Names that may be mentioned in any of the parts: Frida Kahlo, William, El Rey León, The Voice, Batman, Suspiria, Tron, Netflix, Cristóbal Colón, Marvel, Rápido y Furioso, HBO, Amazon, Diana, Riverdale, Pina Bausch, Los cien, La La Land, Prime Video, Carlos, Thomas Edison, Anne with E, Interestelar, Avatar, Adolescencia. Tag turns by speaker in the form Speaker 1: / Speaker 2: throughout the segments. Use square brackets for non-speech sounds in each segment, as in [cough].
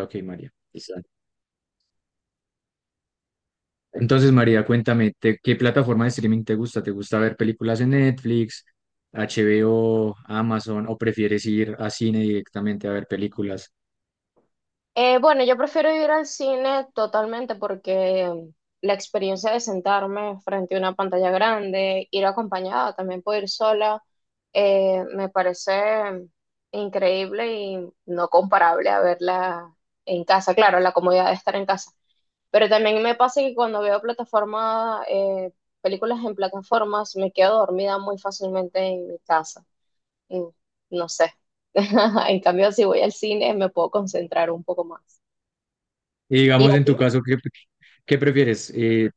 Speaker 1: Ok, María. Listo. Entonces, María, cuéntame, ¿qué plataforma de streaming te gusta? ¿Te gusta ver películas en Netflix, HBO, Amazon o prefieres ir a cine directamente a ver películas?
Speaker 2: Bueno, yo prefiero ir al cine totalmente porque la experiencia de sentarme frente a una pantalla grande, ir acompañada, también puedo ir sola, me parece increíble y no comparable a verla en casa. Claro, la comodidad de estar en casa. Pero también me pasa que cuando veo plataforma, películas en plataformas, me quedo dormida muy fácilmente en mi casa. Mm, no sé. [laughs] En cambio, si voy al cine, me puedo concentrar un poco más.
Speaker 1: Y
Speaker 2: ¿Y
Speaker 1: digamos,
Speaker 2: a
Speaker 1: en
Speaker 2: ti?
Speaker 1: tu caso, qué prefieres? Eh,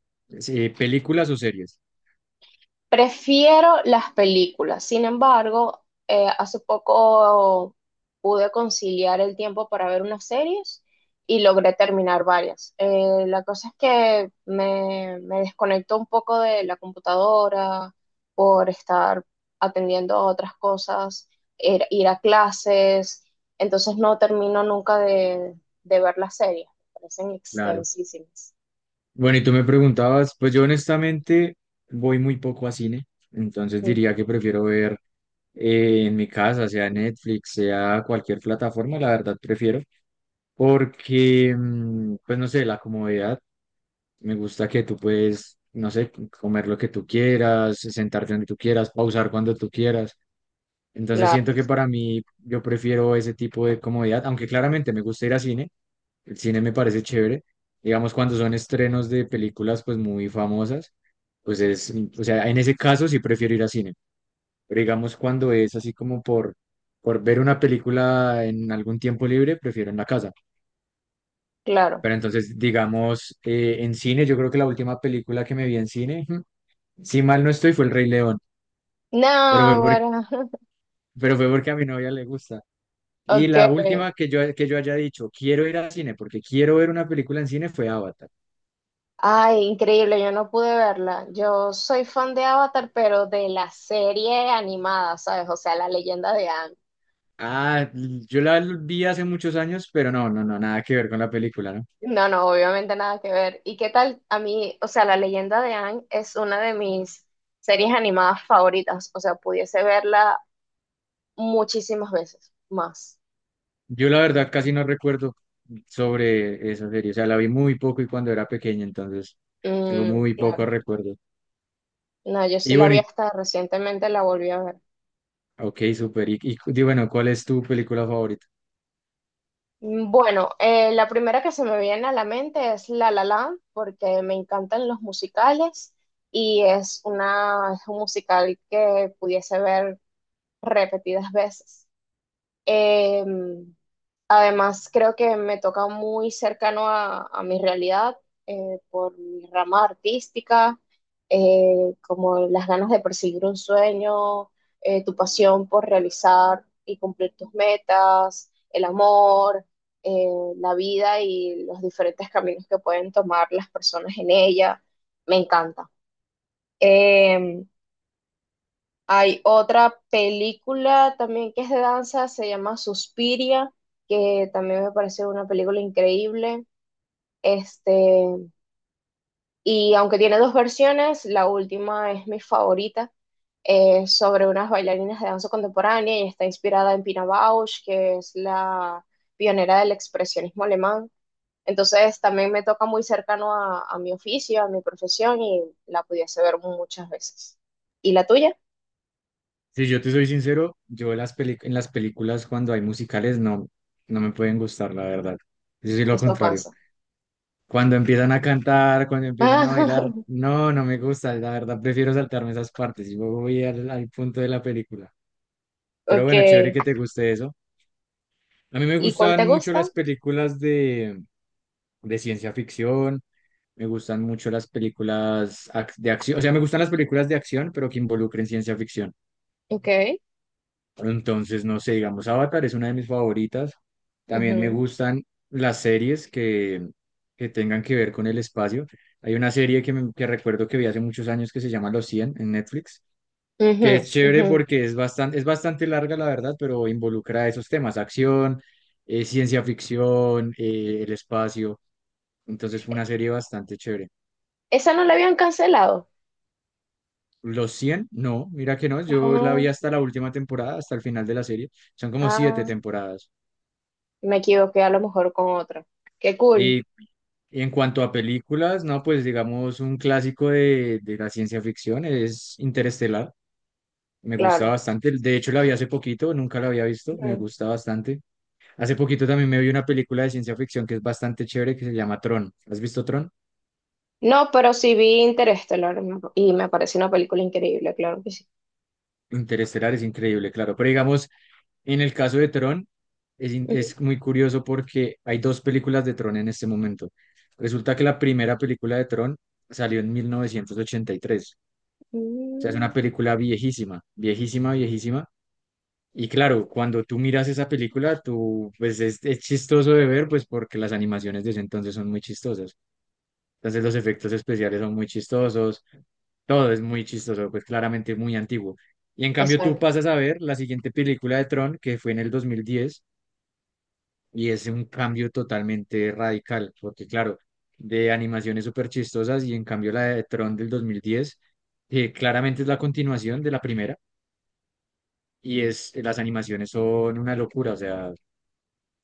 Speaker 1: eh, ¿Películas o series?
Speaker 2: Prefiero las películas. Sin embargo, hace poco pude conciliar el tiempo para ver unas series y logré terminar varias. La cosa es que me desconecto un poco de la computadora por estar atendiendo a otras cosas, ir a clases. Entonces no termino nunca de ver las series. Me parecen
Speaker 1: Claro.
Speaker 2: extensísimas.
Speaker 1: Bueno, y tú me preguntabas, pues yo honestamente voy muy poco a cine, entonces
Speaker 2: Mm,
Speaker 1: diría que prefiero ver en mi casa, sea Netflix, sea cualquier plataforma, la verdad prefiero. Porque, pues no sé, la comodidad, me gusta que tú puedes, no sé, comer lo que tú quieras, sentarte donde tú quieras, pausar cuando tú quieras. Entonces
Speaker 2: claro,
Speaker 1: siento que para mí yo prefiero ese tipo de comodidad, aunque claramente me gusta ir a cine, el cine me parece chévere. Digamos, cuando son estrenos de películas pues muy famosas, pues es, o sea, en ese caso sí prefiero ir a cine. Pero digamos, cuando es así como por ver una película en algún tiempo libre, prefiero en la casa.
Speaker 2: claro.
Speaker 1: Pero entonces, digamos, en cine, yo creo que la última película que me vi en cine, [laughs] ujú, si mal no estoy, fue El Rey León, pero
Speaker 2: No,
Speaker 1: fue por-
Speaker 2: bueno. [laughs]
Speaker 1: pero fue porque a mi novia le gusta. Y
Speaker 2: Ok.
Speaker 1: la última que yo haya dicho, quiero ir al cine porque quiero ver una película en cine, fue Avatar.
Speaker 2: Ay, increíble, yo no pude verla. Yo soy fan de Avatar, pero de la serie animada, ¿sabes? O sea, la leyenda de Aang.
Speaker 1: Ah, yo la vi hace muchos años, pero no, no, no, nada que ver con la película, ¿no?
Speaker 2: No, no, obviamente nada que ver. ¿Y qué tal? A mí, o sea, la leyenda de Aang es una de mis series animadas favoritas. O sea, pudiese verla muchísimas veces más.
Speaker 1: Yo la verdad casi no recuerdo sobre esa serie, o sea, la vi muy poco y cuando era pequeña, entonces tengo
Speaker 2: Mm,
Speaker 1: muy pocos
Speaker 2: claro.
Speaker 1: recuerdos.
Speaker 2: No, yo sí
Speaker 1: Y
Speaker 2: la
Speaker 1: bueno,
Speaker 2: vi
Speaker 1: ¿y
Speaker 2: hasta recientemente, la volví a ver.
Speaker 1: Ok, súper. Bueno, ¿cuál es tu película favorita?
Speaker 2: Mm, bueno, la primera que se me viene a la mente es La La Land, porque me encantan los musicales y es un musical que pudiese ver repetidas veces. Em, Además, creo que me toca muy cercano a mi realidad, por mi rama artística, como las ganas de perseguir un sueño, tu pasión por realizar y cumplir tus metas, el amor, eh, la vida y los diferentes caminos que pueden tomar las personas en ella. Me encanta. Em, Hay otra película también que es de danza, se llama Suspiria, que también me parece una película increíble. Este, y aunque tiene dos versiones, la última es mi favorita, sobre unas bailarinas de danza contemporánea y está inspirada en Pina Bausch, que es la pionera del expresionismo alemán. Entonces también me toca muy cercano a mi oficio, a mi profesión y la pudiese ver muchas veces. ¿Y la tuya?
Speaker 1: Si yo te soy sincero, en las películas cuando hay musicales no, no me pueden gustar, la verdad. Yo soy lo
Speaker 2: Esto
Speaker 1: contrario.
Speaker 2: pasa.
Speaker 1: Cuando empiezan a cantar, cuando empiezan a bailar,
Speaker 2: [laughs]
Speaker 1: no, no me gusta. La verdad, prefiero saltarme esas partes y voy al punto de la película. Pero
Speaker 2: Ok.
Speaker 1: bueno, chévere que te guste eso. A mí me
Speaker 2: ¿Y cuál te
Speaker 1: gustan mucho
Speaker 2: gusta?
Speaker 1: las de ciencia ficción. Me gustan mucho de acción, o sea, me gustan las películas de acción, pero que involucren ciencia ficción.
Speaker 2: Ok.
Speaker 1: Entonces, no sé, digamos, Avatar es una de mis favoritas. También me
Speaker 2: Ujú,
Speaker 1: gustan las series que, que tengan que ver con el espacio. Hay una serie que recuerdo que vi hace muchos años que se llama Los Cien en Netflix, que
Speaker 2: ujú,
Speaker 1: es chévere
Speaker 2: ujú.
Speaker 1: porque es es bastante larga, la verdad, pero involucra esos temas, acción, ciencia ficción, el espacio. Entonces fue una serie bastante chévere.
Speaker 2: Esa no la habían cancelado.
Speaker 1: Los Cien no, mira que no, yo la
Speaker 2: Ah,
Speaker 1: vi hasta la última temporada, hasta el final de la serie. Son como siete
Speaker 2: ah,
Speaker 1: temporadas.
Speaker 2: me equivoqué a lo mejor con otra. Qué cool,
Speaker 1: Y Y en cuanto a películas, no, pues digamos un clásico de la ciencia ficción es Interestelar. Me gusta
Speaker 2: claro.
Speaker 1: bastante. De hecho, la vi hace poquito, nunca la había visto. Me
Speaker 2: Ujú.
Speaker 1: gusta bastante. Hace poquito también me vi una película de ciencia ficción que es bastante chévere que se llama Tron. ¿Has visto Tron?
Speaker 2: No, pero sí vi Interestelar y me pareció una película increíble, claro que sí.
Speaker 1: Interestelar es increíble, claro. Pero digamos, en el caso de Tron, es muy curioso porque hay dos películas de Tron en este momento. Resulta que la primera película de Tron salió en mil novecientos ochenta y tres. O sea, es una
Speaker 2: Ujú. Mm,
Speaker 1: película viejísima, viejísima, viejísima. Y claro, cuando tú miras esa película, tú, pues es chistoso de ver, pues porque las animaciones de ese entonces son muy chistosas. Entonces los efectos especiales son muy chistosos, todo es muy chistoso, pues claramente muy antiguo. Y en cambio tú
Speaker 2: exacto.
Speaker 1: pasas a ver la siguiente película de Tron, que fue en el 2010 y es un cambio totalmente radical, porque claro, de animaciones súper chistosas y en cambio la de Tron del 2010, que claramente es la continuación de la primera y es, las animaciones son una locura, o sea,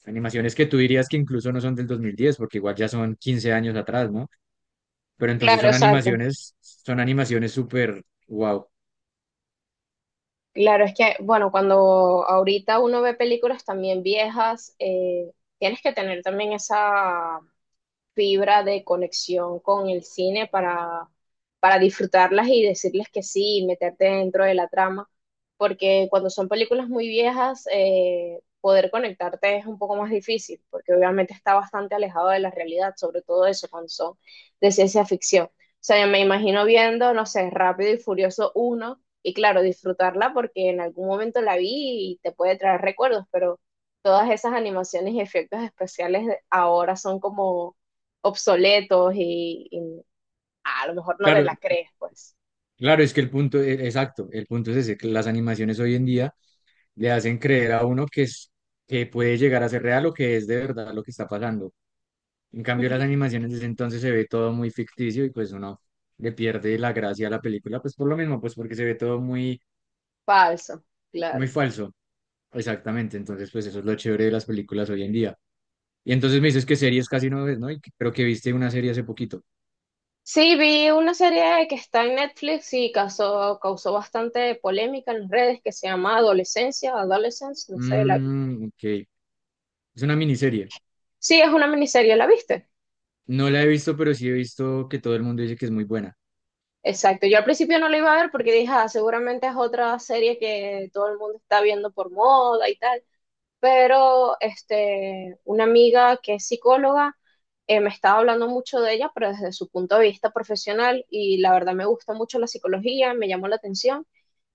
Speaker 1: animaciones que tú dirías que incluso no son del 2010 porque igual ya son 15 años atrás, ¿no? Pero entonces
Speaker 2: Claro, exacto.
Speaker 1: son animaciones súper wow.
Speaker 2: Claro, es que, bueno, cuando ahorita uno ve películas también viejas, tienes que tener también esa fibra de conexión con el cine para disfrutarlas y decirles que sí y meterte dentro de la trama, porque cuando son películas muy viejas, poder conectarte es un poco más difícil, porque obviamente está bastante alejado de la realidad, sobre todo eso cuando son de ciencia ficción. O sea, yo me imagino viendo, no sé, Rápido y Furioso uno y claro, disfrutarla porque en algún momento la vi y te puede traer recuerdos, pero todas esas animaciones y efectos especiales ahora son como obsoletos y a lo mejor no te
Speaker 1: Claro,
Speaker 2: la crees, pues.
Speaker 1: claro, es que el punto, exacto, el punto es ese, que las animaciones hoy en día le hacen creer a uno que es, que puede llegar a ser real o que es de verdad lo que está pasando. En cambio, las
Speaker 2: Ujú.
Speaker 1: animaciones desde entonces se ve todo muy ficticio y pues uno le pierde la gracia a la película, pues por lo mismo, pues porque se ve todo muy
Speaker 2: Falso,
Speaker 1: muy
Speaker 2: claro.
Speaker 1: falso. Exactamente, entonces pues eso es lo chévere de las películas hoy en día. Y entonces me dices que series casi no ves, ¿no? Pero que viste una serie hace poquito.
Speaker 2: Sí, vi una serie que está en Netflix y causó bastante polémica en las redes que se llama Adolescencia, Adolescence, no sé. La...
Speaker 1: Ok, es una miniserie.
Speaker 2: Sí, es una miniserie, ¿la viste?
Speaker 1: No la he visto, pero sí he visto que todo el mundo dice que es muy buena.
Speaker 2: Exacto. Yo al principio no la iba a ver porque dije, ah, seguramente es otra serie que todo el mundo está viendo por moda y tal. Pero este, una amiga que es psicóloga, me estaba hablando mucho de ella, pero desde su punto de vista profesional y la verdad me gusta mucho la psicología, me llamó la atención,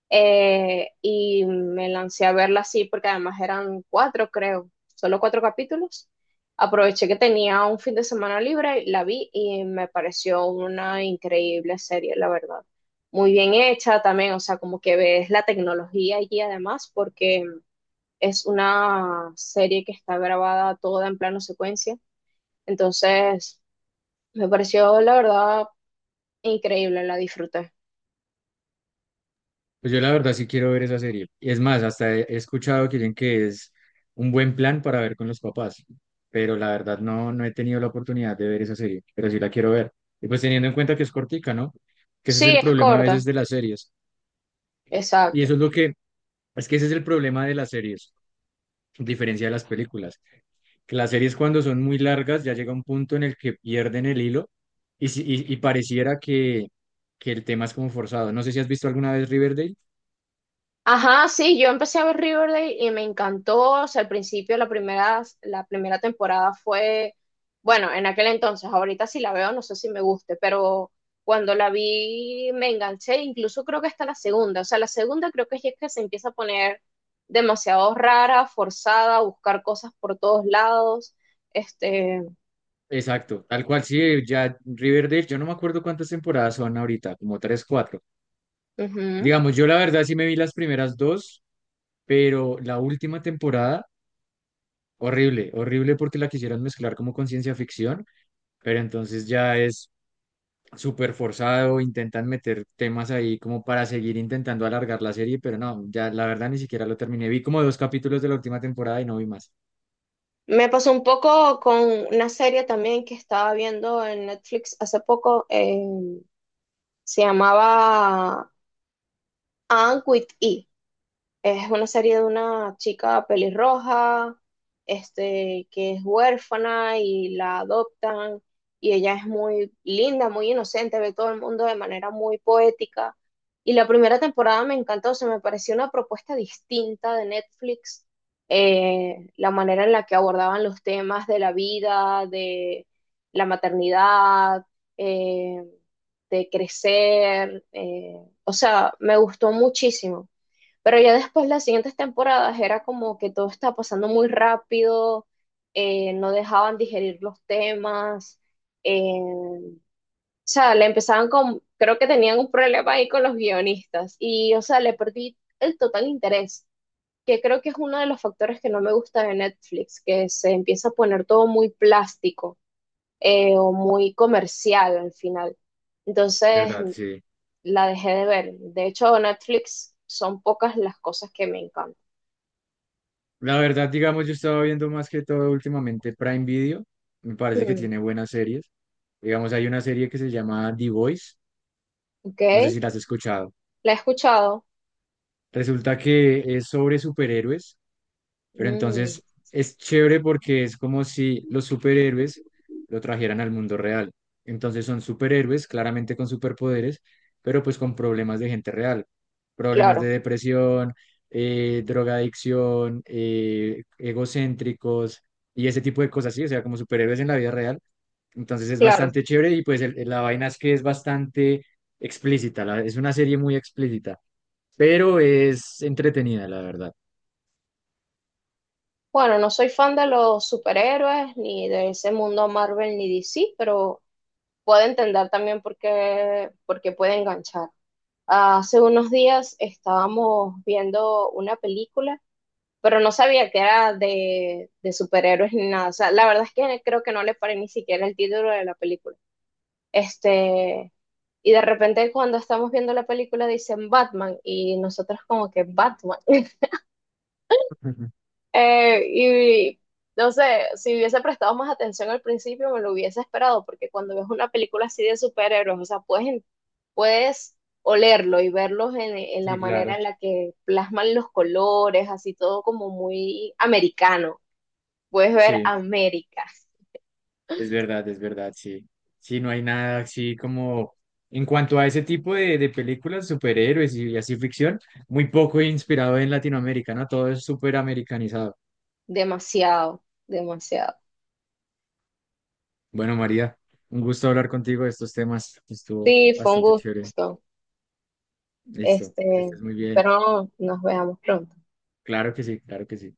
Speaker 2: y me lancé a verla así porque además eran cuatro, creo, solo cuatro capítulos. Aproveché que tenía un fin de semana libre, la vi y me pareció una increíble serie, la verdad. Muy bien hecha también, o sea, como que ves la tecnología allí además, porque es una serie que está grabada toda en plano secuencia. Entonces, me pareció la verdad increíble, la disfruté.
Speaker 1: Pues yo la verdad sí quiero ver esa serie. Y es más, hasta he escuchado que dicen que es un buen plan para ver con los papás, pero la verdad no, no he tenido la oportunidad de ver esa serie, pero sí la quiero ver. Y pues teniendo en cuenta que es cortica, ¿no? Que ese es
Speaker 2: Sí,
Speaker 1: el
Speaker 2: es
Speaker 1: problema a veces
Speaker 2: corta,
Speaker 1: de las series. Y eso
Speaker 2: exacto.
Speaker 1: es lo que, es que ese es el problema de las series diferencia de las películas. Que las series cuando son muy largas ya llega un punto en el que pierden el hilo y, si- y pareciera que el tema es como forzado. No sé si has visto alguna vez Riverdale.
Speaker 2: Ajá, sí, yo empecé a ver Riverdale y me encantó. O sea, al principio la primera temporada fue, bueno, en aquel entonces, ahorita si la veo no sé si me guste, pero cuando la vi me enganché, incluso creo que hasta la segunda. O sea, la segunda creo que es que se empieza a poner demasiado rara, forzada, a buscar cosas por todos lados. Este,
Speaker 1: Exacto, tal cual, sí, ya Riverdale, yo no me acuerdo cuántas temporadas son ahorita, como tres, cuatro.
Speaker 2: ujú.
Speaker 1: Digamos, yo la verdad sí me vi las primeras dos, pero la última temporada, horrible, horrible porque la quisieron mezclar como con ciencia ficción, pero entonces ya es súper forzado, intentan meter temas ahí como para seguir intentando alargar la serie, pero no, ya la verdad ni siquiera lo terminé. Vi como dos capítulos de la última temporada y no vi más.
Speaker 2: Me pasó un poco con una serie también que estaba viendo en Netflix hace poco. Se llamaba Anne with E. Es una serie de una chica pelirroja, este, que es huérfana y la adoptan y ella es muy linda, muy inocente, ve todo el mundo de manera muy poética. Y la primera temporada me encantó, se me pareció una propuesta distinta de Netflix, la manera en la que abordaban los temas de la vida, de la maternidad, eh, de crecer, o sea, me gustó muchísimo. Pero ya después, las siguientes temporadas, era como que todo estaba pasando muy rápido, no dejaban digerir los temas, o sea, le empezaban con, creo que tenían un problema ahí con los guionistas y, o sea, le perdí el total interés, que creo que es uno de los factores que no me gusta de Netflix, que se empieza a poner todo muy plástico, o muy comercial al final. Entonces,
Speaker 1: ¿Verdad? Sí.
Speaker 2: la dejé de ver. De hecho, Netflix son pocas las cosas que me encantan.
Speaker 1: La verdad, digamos, yo estaba viendo más que todo últimamente Prime Video. Me parece que
Speaker 2: Mm.
Speaker 1: tiene buenas series. Digamos, hay una serie que se llama The Voice.
Speaker 2: Ok,
Speaker 1: No sé si la has escuchado.
Speaker 2: la he escuchado.
Speaker 1: Resulta que es sobre superhéroes. Pero
Speaker 2: Mm,
Speaker 1: entonces es chévere porque es como si los superhéroes lo trajeran al mundo real. Entonces son superhéroes, claramente con superpoderes, pero pues con problemas de gente real, problemas de
Speaker 2: claro,
Speaker 1: depresión, drogadicción, egocéntricos y ese tipo de cosas, sí, o sea, como superhéroes en la vida real. Entonces es
Speaker 2: claro.
Speaker 1: bastante chévere y pues la vaina es que es bastante explícita, es una serie muy explícita, pero es entretenida, la verdad.
Speaker 2: Bueno, no soy fan de los superhéroes ni de ese mundo Marvel ni DC, pero puedo entender también por qué puede enganchar. Hace unos días estábamos viendo una película, pero no sabía que era de superhéroes ni nada. O sea, la verdad es que creo que no le paré ni siquiera el título de la película. Este, y de repente cuando estamos viendo la película dicen Batman y nosotros como que Batman.
Speaker 1: [laughs]
Speaker 2: Y no sé, si hubiese prestado más atención al principio, me lo hubiese esperado, porque cuando ves una película así de superhéroes, o sea, puedes olerlo y verlos en la
Speaker 1: Sí,
Speaker 2: manera
Speaker 1: claro.
Speaker 2: en la que plasman los colores, así todo como muy americano. Puedes ver
Speaker 1: Sí.
Speaker 2: América,
Speaker 1: Es verdad, sí. Sí, no hay nada así como en cuanto a ese tipo de películas, superhéroes y, así ficción, muy poco inspirado en Latinoamérica, ¿no? Todo es súper americanizado.
Speaker 2: demasiado, demasiado.
Speaker 1: Bueno, María, un gusto hablar contigo de estos temas. Estuvo
Speaker 2: Sí, fue un
Speaker 1: bastante chévere.
Speaker 2: gusto.
Speaker 1: Listo, que
Speaker 2: Este,
Speaker 1: estés muy bien.
Speaker 2: espero nos veamos pronto.
Speaker 1: Claro que sí, claro que sí.